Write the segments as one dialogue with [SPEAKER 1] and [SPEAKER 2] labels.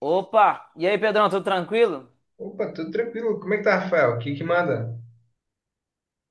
[SPEAKER 1] Opa! E aí, Pedrão, tudo tranquilo?
[SPEAKER 2] Opa, tudo tranquilo. Como é que tá, Rafael? O que que manda?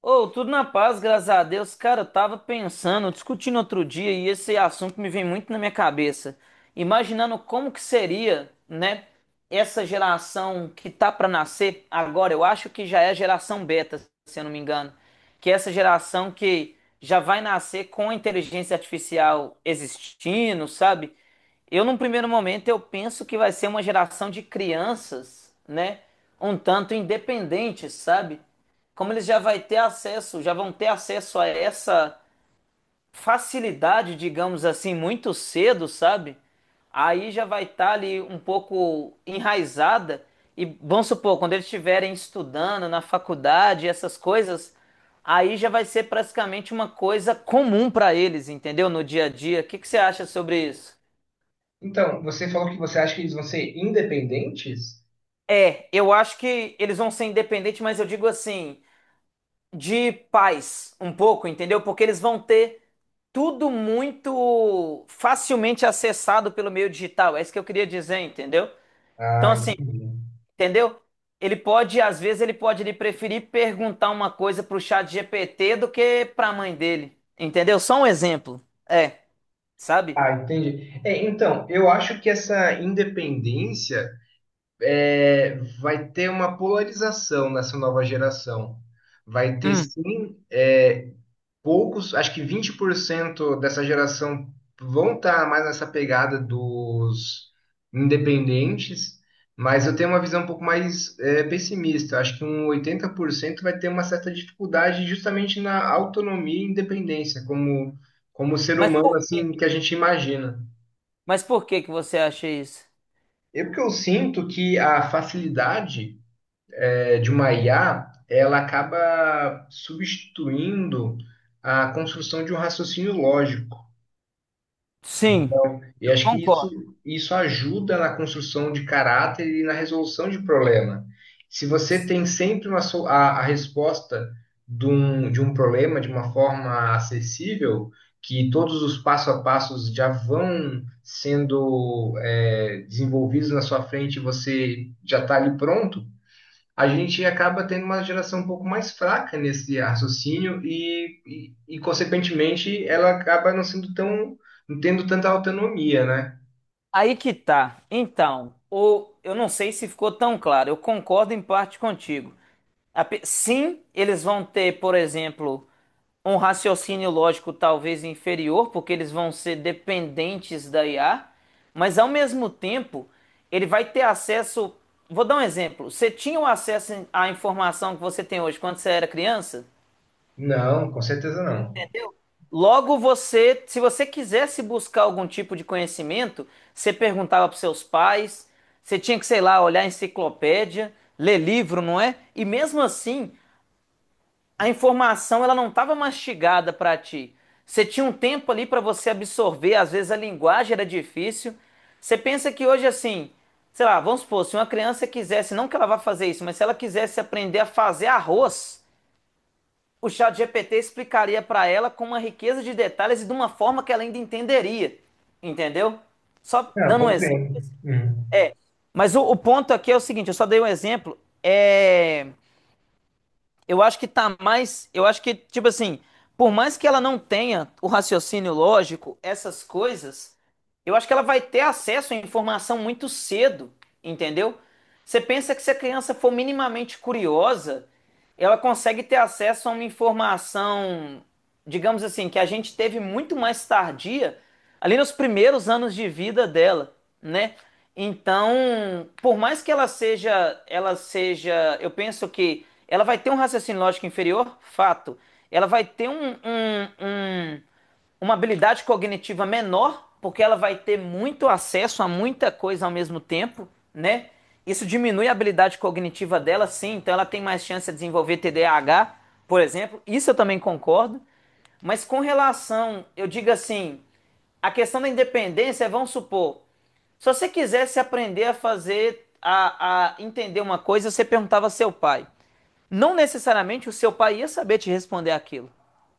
[SPEAKER 1] Ô, tudo na paz, graças a Deus. Cara, eu tava pensando, discutindo outro dia, e esse assunto me vem muito na minha cabeça. Imaginando como que seria, né, essa geração que tá pra nascer agora. Eu acho que já é a geração beta, se eu não me engano. Que é essa geração que já vai nascer com a inteligência artificial existindo, sabe? Eu, num primeiro momento, eu penso que vai ser uma geração de crianças, né? Um tanto independentes, sabe? Como eles já vão ter acesso a essa facilidade, digamos assim, muito cedo, sabe? Aí já vai estar ali um pouco enraizada e vamos supor, quando eles estiverem estudando na faculdade, essas coisas, aí já vai ser praticamente uma coisa comum para eles, entendeu? No dia a dia. O que que você acha sobre isso?
[SPEAKER 2] Então, você falou que você acha que eles vão ser independentes?
[SPEAKER 1] É, eu acho que eles vão ser independentes, mas eu digo assim, de paz, um pouco, entendeu? Porque eles vão ter tudo muito facilmente acessado pelo meio digital. É isso que eu queria dizer, entendeu? Então,
[SPEAKER 2] Ah,
[SPEAKER 1] assim,
[SPEAKER 2] entendi.
[SPEAKER 1] entendeu? Ele pode, às vezes, ele preferir perguntar uma coisa pro chat GPT do que pra mãe dele, entendeu? Só um exemplo. É, sabe?
[SPEAKER 2] Ah, entendi. É, então, eu acho que essa independência é, vai ter uma polarização nessa nova geração. Vai ter
[SPEAKER 1] Hum.
[SPEAKER 2] sim, poucos, acho que 20% dessa geração vão estar mais nessa pegada dos independentes, mas eu tenho uma visão um pouco mais pessimista. Acho que um 80% vai ter uma certa dificuldade justamente na autonomia e independência, como ser
[SPEAKER 1] Mas
[SPEAKER 2] humano
[SPEAKER 1] por quê?
[SPEAKER 2] assim que a gente imagina.
[SPEAKER 1] Mas por que que você acha isso?
[SPEAKER 2] É porque eu sinto que a facilidade de uma IA, ela acaba substituindo a construção de um raciocínio lógico.
[SPEAKER 1] Sim,
[SPEAKER 2] E
[SPEAKER 1] eu
[SPEAKER 2] acho que isso,
[SPEAKER 1] concordo.
[SPEAKER 2] isso ajuda na construção de caráter e na resolução de problema. Se você tem sempre a resposta de um problema de uma forma acessível, que todos os passo a passos já vão sendo desenvolvidos na sua frente e você já está ali pronto, a gente acaba tendo uma geração um pouco mais fraca nesse raciocínio e consequentemente, ela acaba não sendo tão, não tendo tanta autonomia, né?
[SPEAKER 1] Aí que tá. Então, ou eu não sei se ficou tão claro. Eu concordo em parte contigo. Sim, eles vão ter, por exemplo, um raciocínio lógico talvez inferior, porque eles vão ser dependentes da IA, mas ao mesmo tempo, ele vai ter acesso. Vou dar um exemplo. Você tinha o acesso à informação que você tem hoje quando você era criança?
[SPEAKER 2] Não, com certeza não.
[SPEAKER 1] Logo você, se você quisesse buscar algum tipo de conhecimento, você perguntava para seus pais, você tinha que, sei lá, olhar enciclopédia, ler livro, não é? E mesmo assim, a informação ela não estava mastigada para ti. Você tinha um tempo ali para você absorver, às vezes a linguagem era difícil. Você pensa que hoje assim, sei lá, vamos supor, se uma criança quisesse, não que ela vá fazer isso, mas se ela quisesse aprender a fazer arroz, o chat GPT explicaria para ela com uma riqueza de detalhes e de uma forma que ela ainda entenderia, entendeu? Só
[SPEAKER 2] Ah,
[SPEAKER 1] dando um exemplo.
[SPEAKER 2] compreendo. Uhum.
[SPEAKER 1] Mas o ponto aqui é o seguinte, eu só dei um exemplo, eu acho que tá mais. Eu acho que, tipo assim, por mais que ela não tenha o raciocínio lógico, essas coisas, eu acho que ela vai ter acesso à informação muito cedo, entendeu? Você pensa que se a criança for minimamente curiosa, ela consegue ter acesso a uma informação, digamos assim, que a gente teve muito mais tardia, ali nos primeiros anos de vida dela, né? Então, por mais que ela seja, eu penso que ela vai ter um raciocínio lógico inferior, fato. Ela vai ter uma habilidade cognitiva menor, porque ela vai ter muito acesso a muita coisa ao mesmo tempo, né? Isso diminui a habilidade cognitiva dela, sim, então ela tem mais chance de desenvolver TDAH, por exemplo. Isso eu também concordo. Mas com relação, eu digo assim, a questão da independência, é, vamos supor, se você quisesse aprender a entender uma coisa, você perguntava ao seu pai. Não necessariamente o seu pai ia saber te responder aquilo,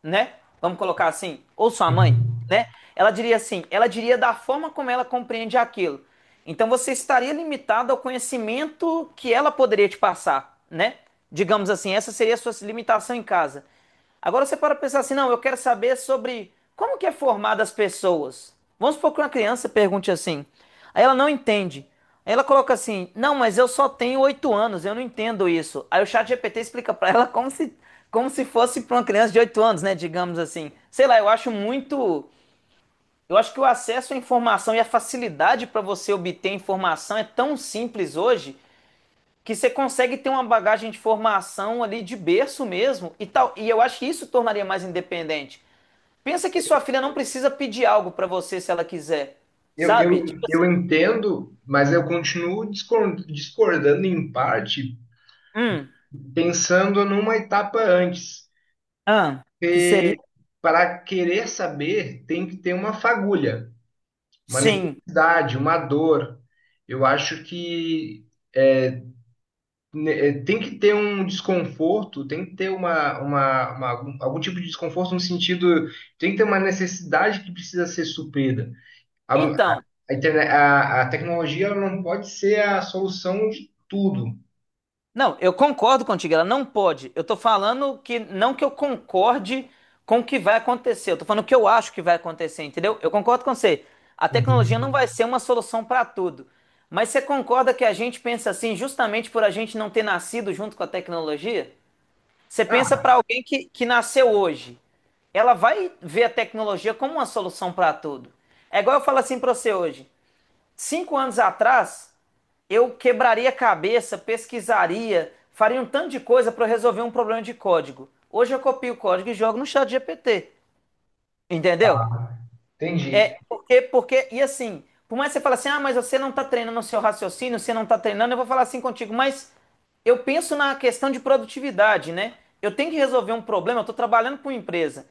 [SPEAKER 1] né? Vamos colocar assim, ou sua mãe,
[SPEAKER 2] Uhum.
[SPEAKER 1] né? Ela diria assim, ela diria da forma como ela compreende aquilo. Então você estaria limitado ao conhecimento que ela poderia te passar, né? Digamos assim, essa seria a sua limitação em casa. Agora você para pensar assim, não, eu quero saber sobre como que é formada as pessoas. Vamos supor que uma criança pergunte assim. Aí ela não entende. Aí ela coloca assim, não, mas eu só tenho 8 anos, eu não entendo isso. Aí o chat GPT explica para ela como se fosse para uma criança de 8 anos, né? Digamos assim. Sei lá, eu acho muito. Eu acho que o acesso à informação e a facilidade para você obter informação é tão simples hoje que você consegue ter uma bagagem de formação ali de berço mesmo e tal. E eu acho que isso tornaria mais independente. Pensa que sua filha não precisa pedir algo pra você se ela quiser,
[SPEAKER 2] Eu, eu,
[SPEAKER 1] sabe? Tipo.
[SPEAKER 2] eu entendo, mas eu continuo discordando em parte,
[SPEAKER 1] Hum.
[SPEAKER 2] pensando numa etapa antes.
[SPEAKER 1] Ah, que seria.
[SPEAKER 2] Para querer saber, tem que ter uma fagulha, uma
[SPEAKER 1] Sim.
[SPEAKER 2] necessidade, uma dor. Eu acho que é, tem que ter um desconforto, tem que ter algum tipo de desconforto no sentido, tem que ter uma necessidade que precisa ser suprida. A,
[SPEAKER 1] Então.
[SPEAKER 2] a tecnologia ela não pode ser a solução de tudo.
[SPEAKER 1] Não, eu concordo contigo, ela não pode. Eu tô falando que não que eu concorde com o que vai acontecer, eu tô falando o que eu acho que vai acontecer, entendeu? Eu concordo com você. A tecnologia não vai
[SPEAKER 2] Uhum.
[SPEAKER 1] ser uma solução para tudo. Mas você concorda que a gente pensa assim justamente por a gente não ter nascido junto com a tecnologia? Você pensa
[SPEAKER 2] Ah,
[SPEAKER 1] para alguém que nasceu hoje, ela vai ver a tecnologia como uma solução para tudo. É igual eu falo assim para você hoje. 5 anos atrás, eu quebraria a cabeça, pesquisaria, faria um tanto de coisa para resolver um problema de código. Hoje eu copio o código e jogo no chat GPT, entendeu?
[SPEAKER 2] entendi.
[SPEAKER 1] É, porque, e assim, por mais que você fale assim, ah, mas você não está treinando o seu raciocínio, você não está treinando, eu vou falar assim contigo, mas eu penso na questão de produtividade, né? Eu tenho que resolver um problema, eu estou trabalhando com uma empresa.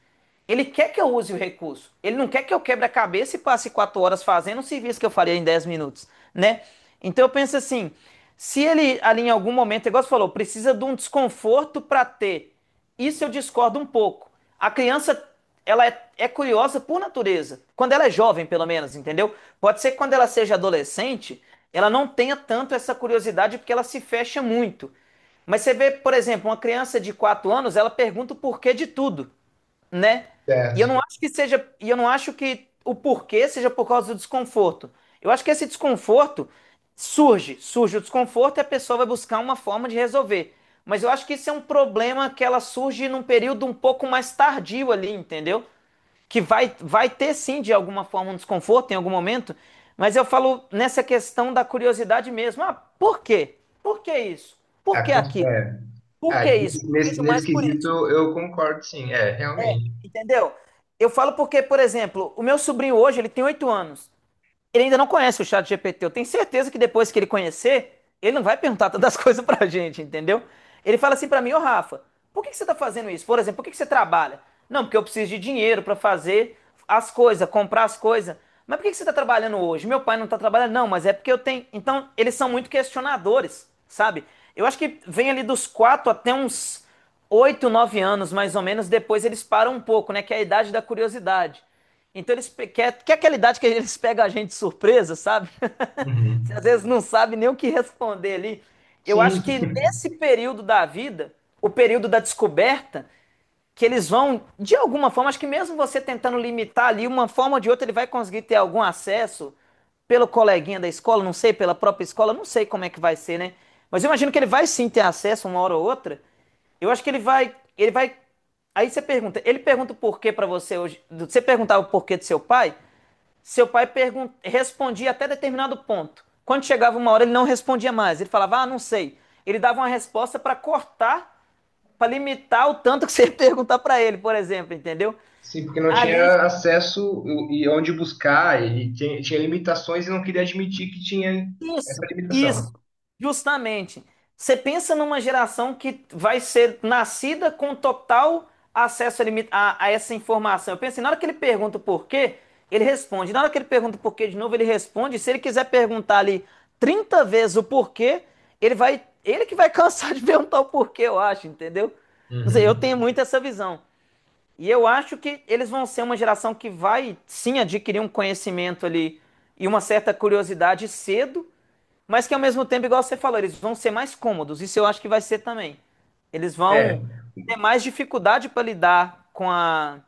[SPEAKER 1] Ele quer que eu use o recurso. Ele não quer que eu quebre a cabeça e passe 4 horas fazendo um serviço que eu faria em 10 minutos, né? Então eu penso assim, se ele ali em algum momento, igual você falou, precisa de um desconforto para ter, isso eu discordo um pouco. A criança ela é curiosa por natureza. Quando ela é jovem, pelo menos, entendeu? Pode ser que quando ela seja adolescente, ela não tenha tanto essa curiosidade porque ela se fecha muito. Mas você vê, por exemplo, uma criança de 4 anos, ela pergunta o porquê de tudo, né? E eu não
[SPEAKER 2] Certo.
[SPEAKER 1] acho que seja, e eu não acho que o porquê seja por causa do desconforto. Eu acho que esse desconforto surge, surge o desconforto e a pessoa vai buscar uma forma de resolver. Mas eu acho que isso é um problema que ela surge num período um pouco mais tardio ali, entendeu? Que vai ter sim, de alguma forma, um desconforto em algum momento, mas eu falo nessa questão da curiosidade mesmo. Ah, por quê? Por que isso? Por
[SPEAKER 2] A
[SPEAKER 1] que
[SPEAKER 2] cons-
[SPEAKER 1] aquilo?
[SPEAKER 2] é,
[SPEAKER 1] Por
[SPEAKER 2] ah,
[SPEAKER 1] que isso?
[SPEAKER 2] nesse,
[SPEAKER 1] Eu
[SPEAKER 2] nesse-
[SPEAKER 1] vejo
[SPEAKER 2] nesse
[SPEAKER 1] mais por
[SPEAKER 2] quesito
[SPEAKER 1] isso,
[SPEAKER 2] eu concordo, sim, é, realmente.
[SPEAKER 1] entendeu? Eu falo porque, por exemplo, o meu sobrinho hoje, ele tem 8 anos. Ele ainda não conhece o chat GPT. Eu tenho certeza que depois que ele conhecer, ele não vai perguntar tantas coisas pra gente, entendeu? Ele fala assim pra mim, ô Rafa, por que que você tá fazendo isso? Por exemplo, por que que você trabalha? Não, porque eu preciso de dinheiro pra fazer as coisas, comprar as coisas. Mas por que que você tá trabalhando hoje? Meu pai não tá trabalhando, não, mas é porque eu tenho. Então, eles são muito questionadores, sabe? Eu acho que vem ali dos 4 até uns 8, 9 anos, mais ou menos, depois eles param um pouco, né? Que é a idade da curiosidade. Então eles quer aquela idade que eles pegam a gente de surpresa, sabe? Você
[SPEAKER 2] Uhum.
[SPEAKER 1] às vezes não sabe nem o que responder ali. Eu
[SPEAKER 2] Sim,
[SPEAKER 1] acho que nesse período da vida, o período da descoberta, que eles vão, de alguma forma, acho que mesmo você tentando limitar ali, uma forma ou de outra, ele vai conseguir ter algum acesso pelo coleguinha da escola, não sei, pela própria escola, não sei como é que vai ser, né? Mas eu imagino que ele vai sim ter acesso uma hora ou outra. Eu acho que ele vai, ele vai. Aí ele pergunta o porquê pra você hoje. Você perguntava o porquê do seu pai respondia até determinado ponto. Quando chegava uma hora, ele não respondia mais. Ele falava, ah, não sei. Ele dava uma resposta para cortar para limitar o tanto que você ia perguntar para ele, por exemplo, entendeu?
[SPEAKER 2] sim, porque não
[SPEAKER 1] Ali.
[SPEAKER 2] tinha acesso e onde buscar, e tinha limitações e não queria admitir que tinha
[SPEAKER 1] Isso.
[SPEAKER 2] essa
[SPEAKER 1] Isso,
[SPEAKER 2] limitação.
[SPEAKER 1] justamente. Você pensa numa geração que vai ser nascida com total acesso a essa informação. Eu penso, na hora que ele pergunta o porquê, ele responde. Na hora que ele pergunta o porquê de novo, ele responde. Se ele quiser perguntar ali 30 vezes o porquê, ele que vai cansar de perguntar o porquê, eu acho, entendeu? Não sei, eu
[SPEAKER 2] Uhum.
[SPEAKER 1] tenho muito essa visão. E eu acho que eles vão ser uma geração que vai sim adquirir um conhecimento ali e uma certa curiosidade cedo, mas que ao mesmo tempo, igual você falou, eles vão ser mais cômodos. Isso eu acho que vai ser também. Eles vão
[SPEAKER 2] É,
[SPEAKER 1] ter mais dificuldade para lidar com a,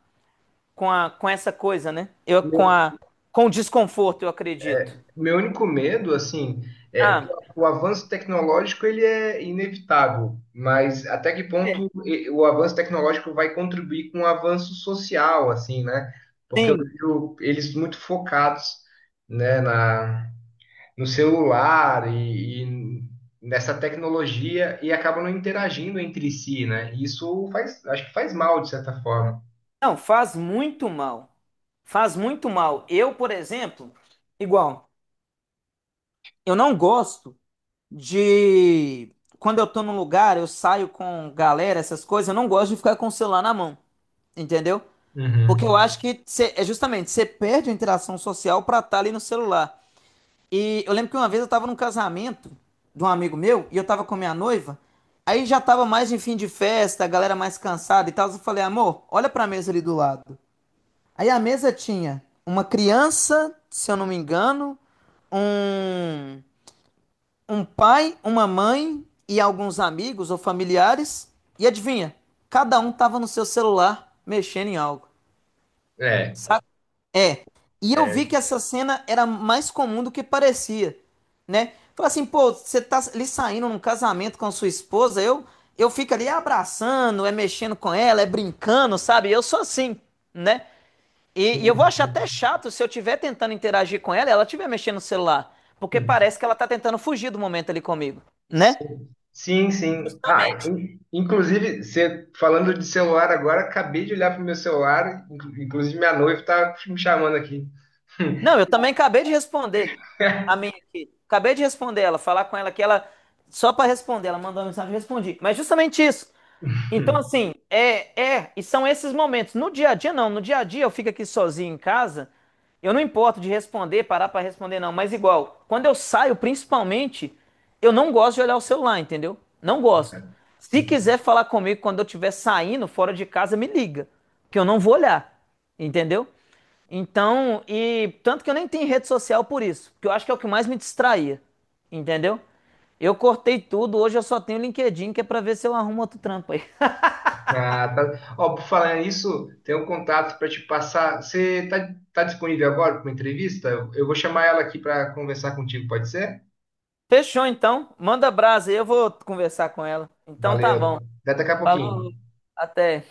[SPEAKER 1] com a, com essa coisa, né? Eu com a com o desconforto, eu acredito.
[SPEAKER 2] meu único medo, assim, é que
[SPEAKER 1] Ah,
[SPEAKER 2] o avanço tecnológico ele é inevitável, mas até que
[SPEAKER 1] é,
[SPEAKER 2] ponto o avanço tecnológico vai contribuir com o avanço social, assim, né? Porque eu
[SPEAKER 1] sim.
[SPEAKER 2] vejo eles muito focados, né, na, no celular e nessa tecnologia e acabam não interagindo entre si, né? E isso faz, acho que faz mal, de certa forma.
[SPEAKER 1] Não, faz muito mal. Faz muito mal. Eu, por exemplo, igual, eu não gosto de quando eu tô num lugar, eu saio com galera, essas coisas, eu não gosto de ficar com o celular na mão, entendeu? Porque eu
[SPEAKER 2] Uhum.
[SPEAKER 1] acho que é justamente, você perde a interação social pra estar ali no celular. E eu lembro que uma vez eu tava num casamento de um amigo meu e eu tava com a minha noiva, aí já tava mais em fim de festa, a galera mais cansada e tal, eu falei, amor, olha pra mesa ali do lado. Aí a mesa tinha uma criança, se eu não me engano, um um pai, uma mãe e alguns amigos ou familiares. E adivinha? Cada um tava no seu celular mexendo em algo.
[SPEAKER 2] É,
[SPEAKER 1] Sabe? É. E eu
[SPEAKER 2] é,
[SPEAKER 1] vi que essa cena era mais comum do que parecia, né? Falei assim, pô, você tá ali saindo num casamento com a sua esposa, eu fico ali abraçando, mexendo com ela, brincando, sabe? Eu sou assim, né? E
[SPEAKER 2] sim.
[SPEAKER 1] eu vou achar até chato se eu estiver tentando interagir com ela, e ela estiver mexendo no celular, porque
[SPEAKER 2] Hum.
[SPEAKER 1] parece que ela tá tentando fugir do momento ali comigo, né?
[SPEAKER 2] Sim, sim. Ah,
[SPEAKER 1] Justamente.
[SPEAKER 2] inclusive, você falando de celular agora, acabei de olhar pro meu celular, inclusive minha noiva está me chamando aqui.
[SPEAKER 1] Não, eu também acabei de responder a minha aqui. Acabei de responder ela, falar com ela que ela, só para responder, ela mandou uma mensagem, eu respondi. Mas justamente isso. Então, assim, e são esses momentos. No dia a dia, não. No dia a dia, eu fico aqui sozinho em casa. Eu não importo de responder, parar pra responder, não. Mas, igual, quando eu saio, principalmente, eu não gosto de olhar o celular, entendeu? Não gosto. Se quiser falar comigo quando eu estiver saindo fora de casa, me liga, que eu não vou olhar, entendeu? Então, e tanto que eu nem tenho rede social por isso, porque eu acho que é o que mais me distraía, entendeu? Eu cortei tudo, hoje eu só tenho o LinkedIn, que é pra ver se eu arrumo outro trampo aí.
[SPEAKER 2] Ah, tá. Ó, por falar nisso, tem um contato para te passar. Você tá disponível agora para uma entrevista? Eu vou chamar ela aqui para conversar contigo, pode ser?
[SPEAKER 1] Fechou então. Manda brasa aí, eu vou conversar com ela. Então tá
[SPEAKER 2] Valeu.
[SPEAKER 1] bom.
[SPEAKER 2] Até daqui a pouquinho.
[SPEAKER 1] Falou, até.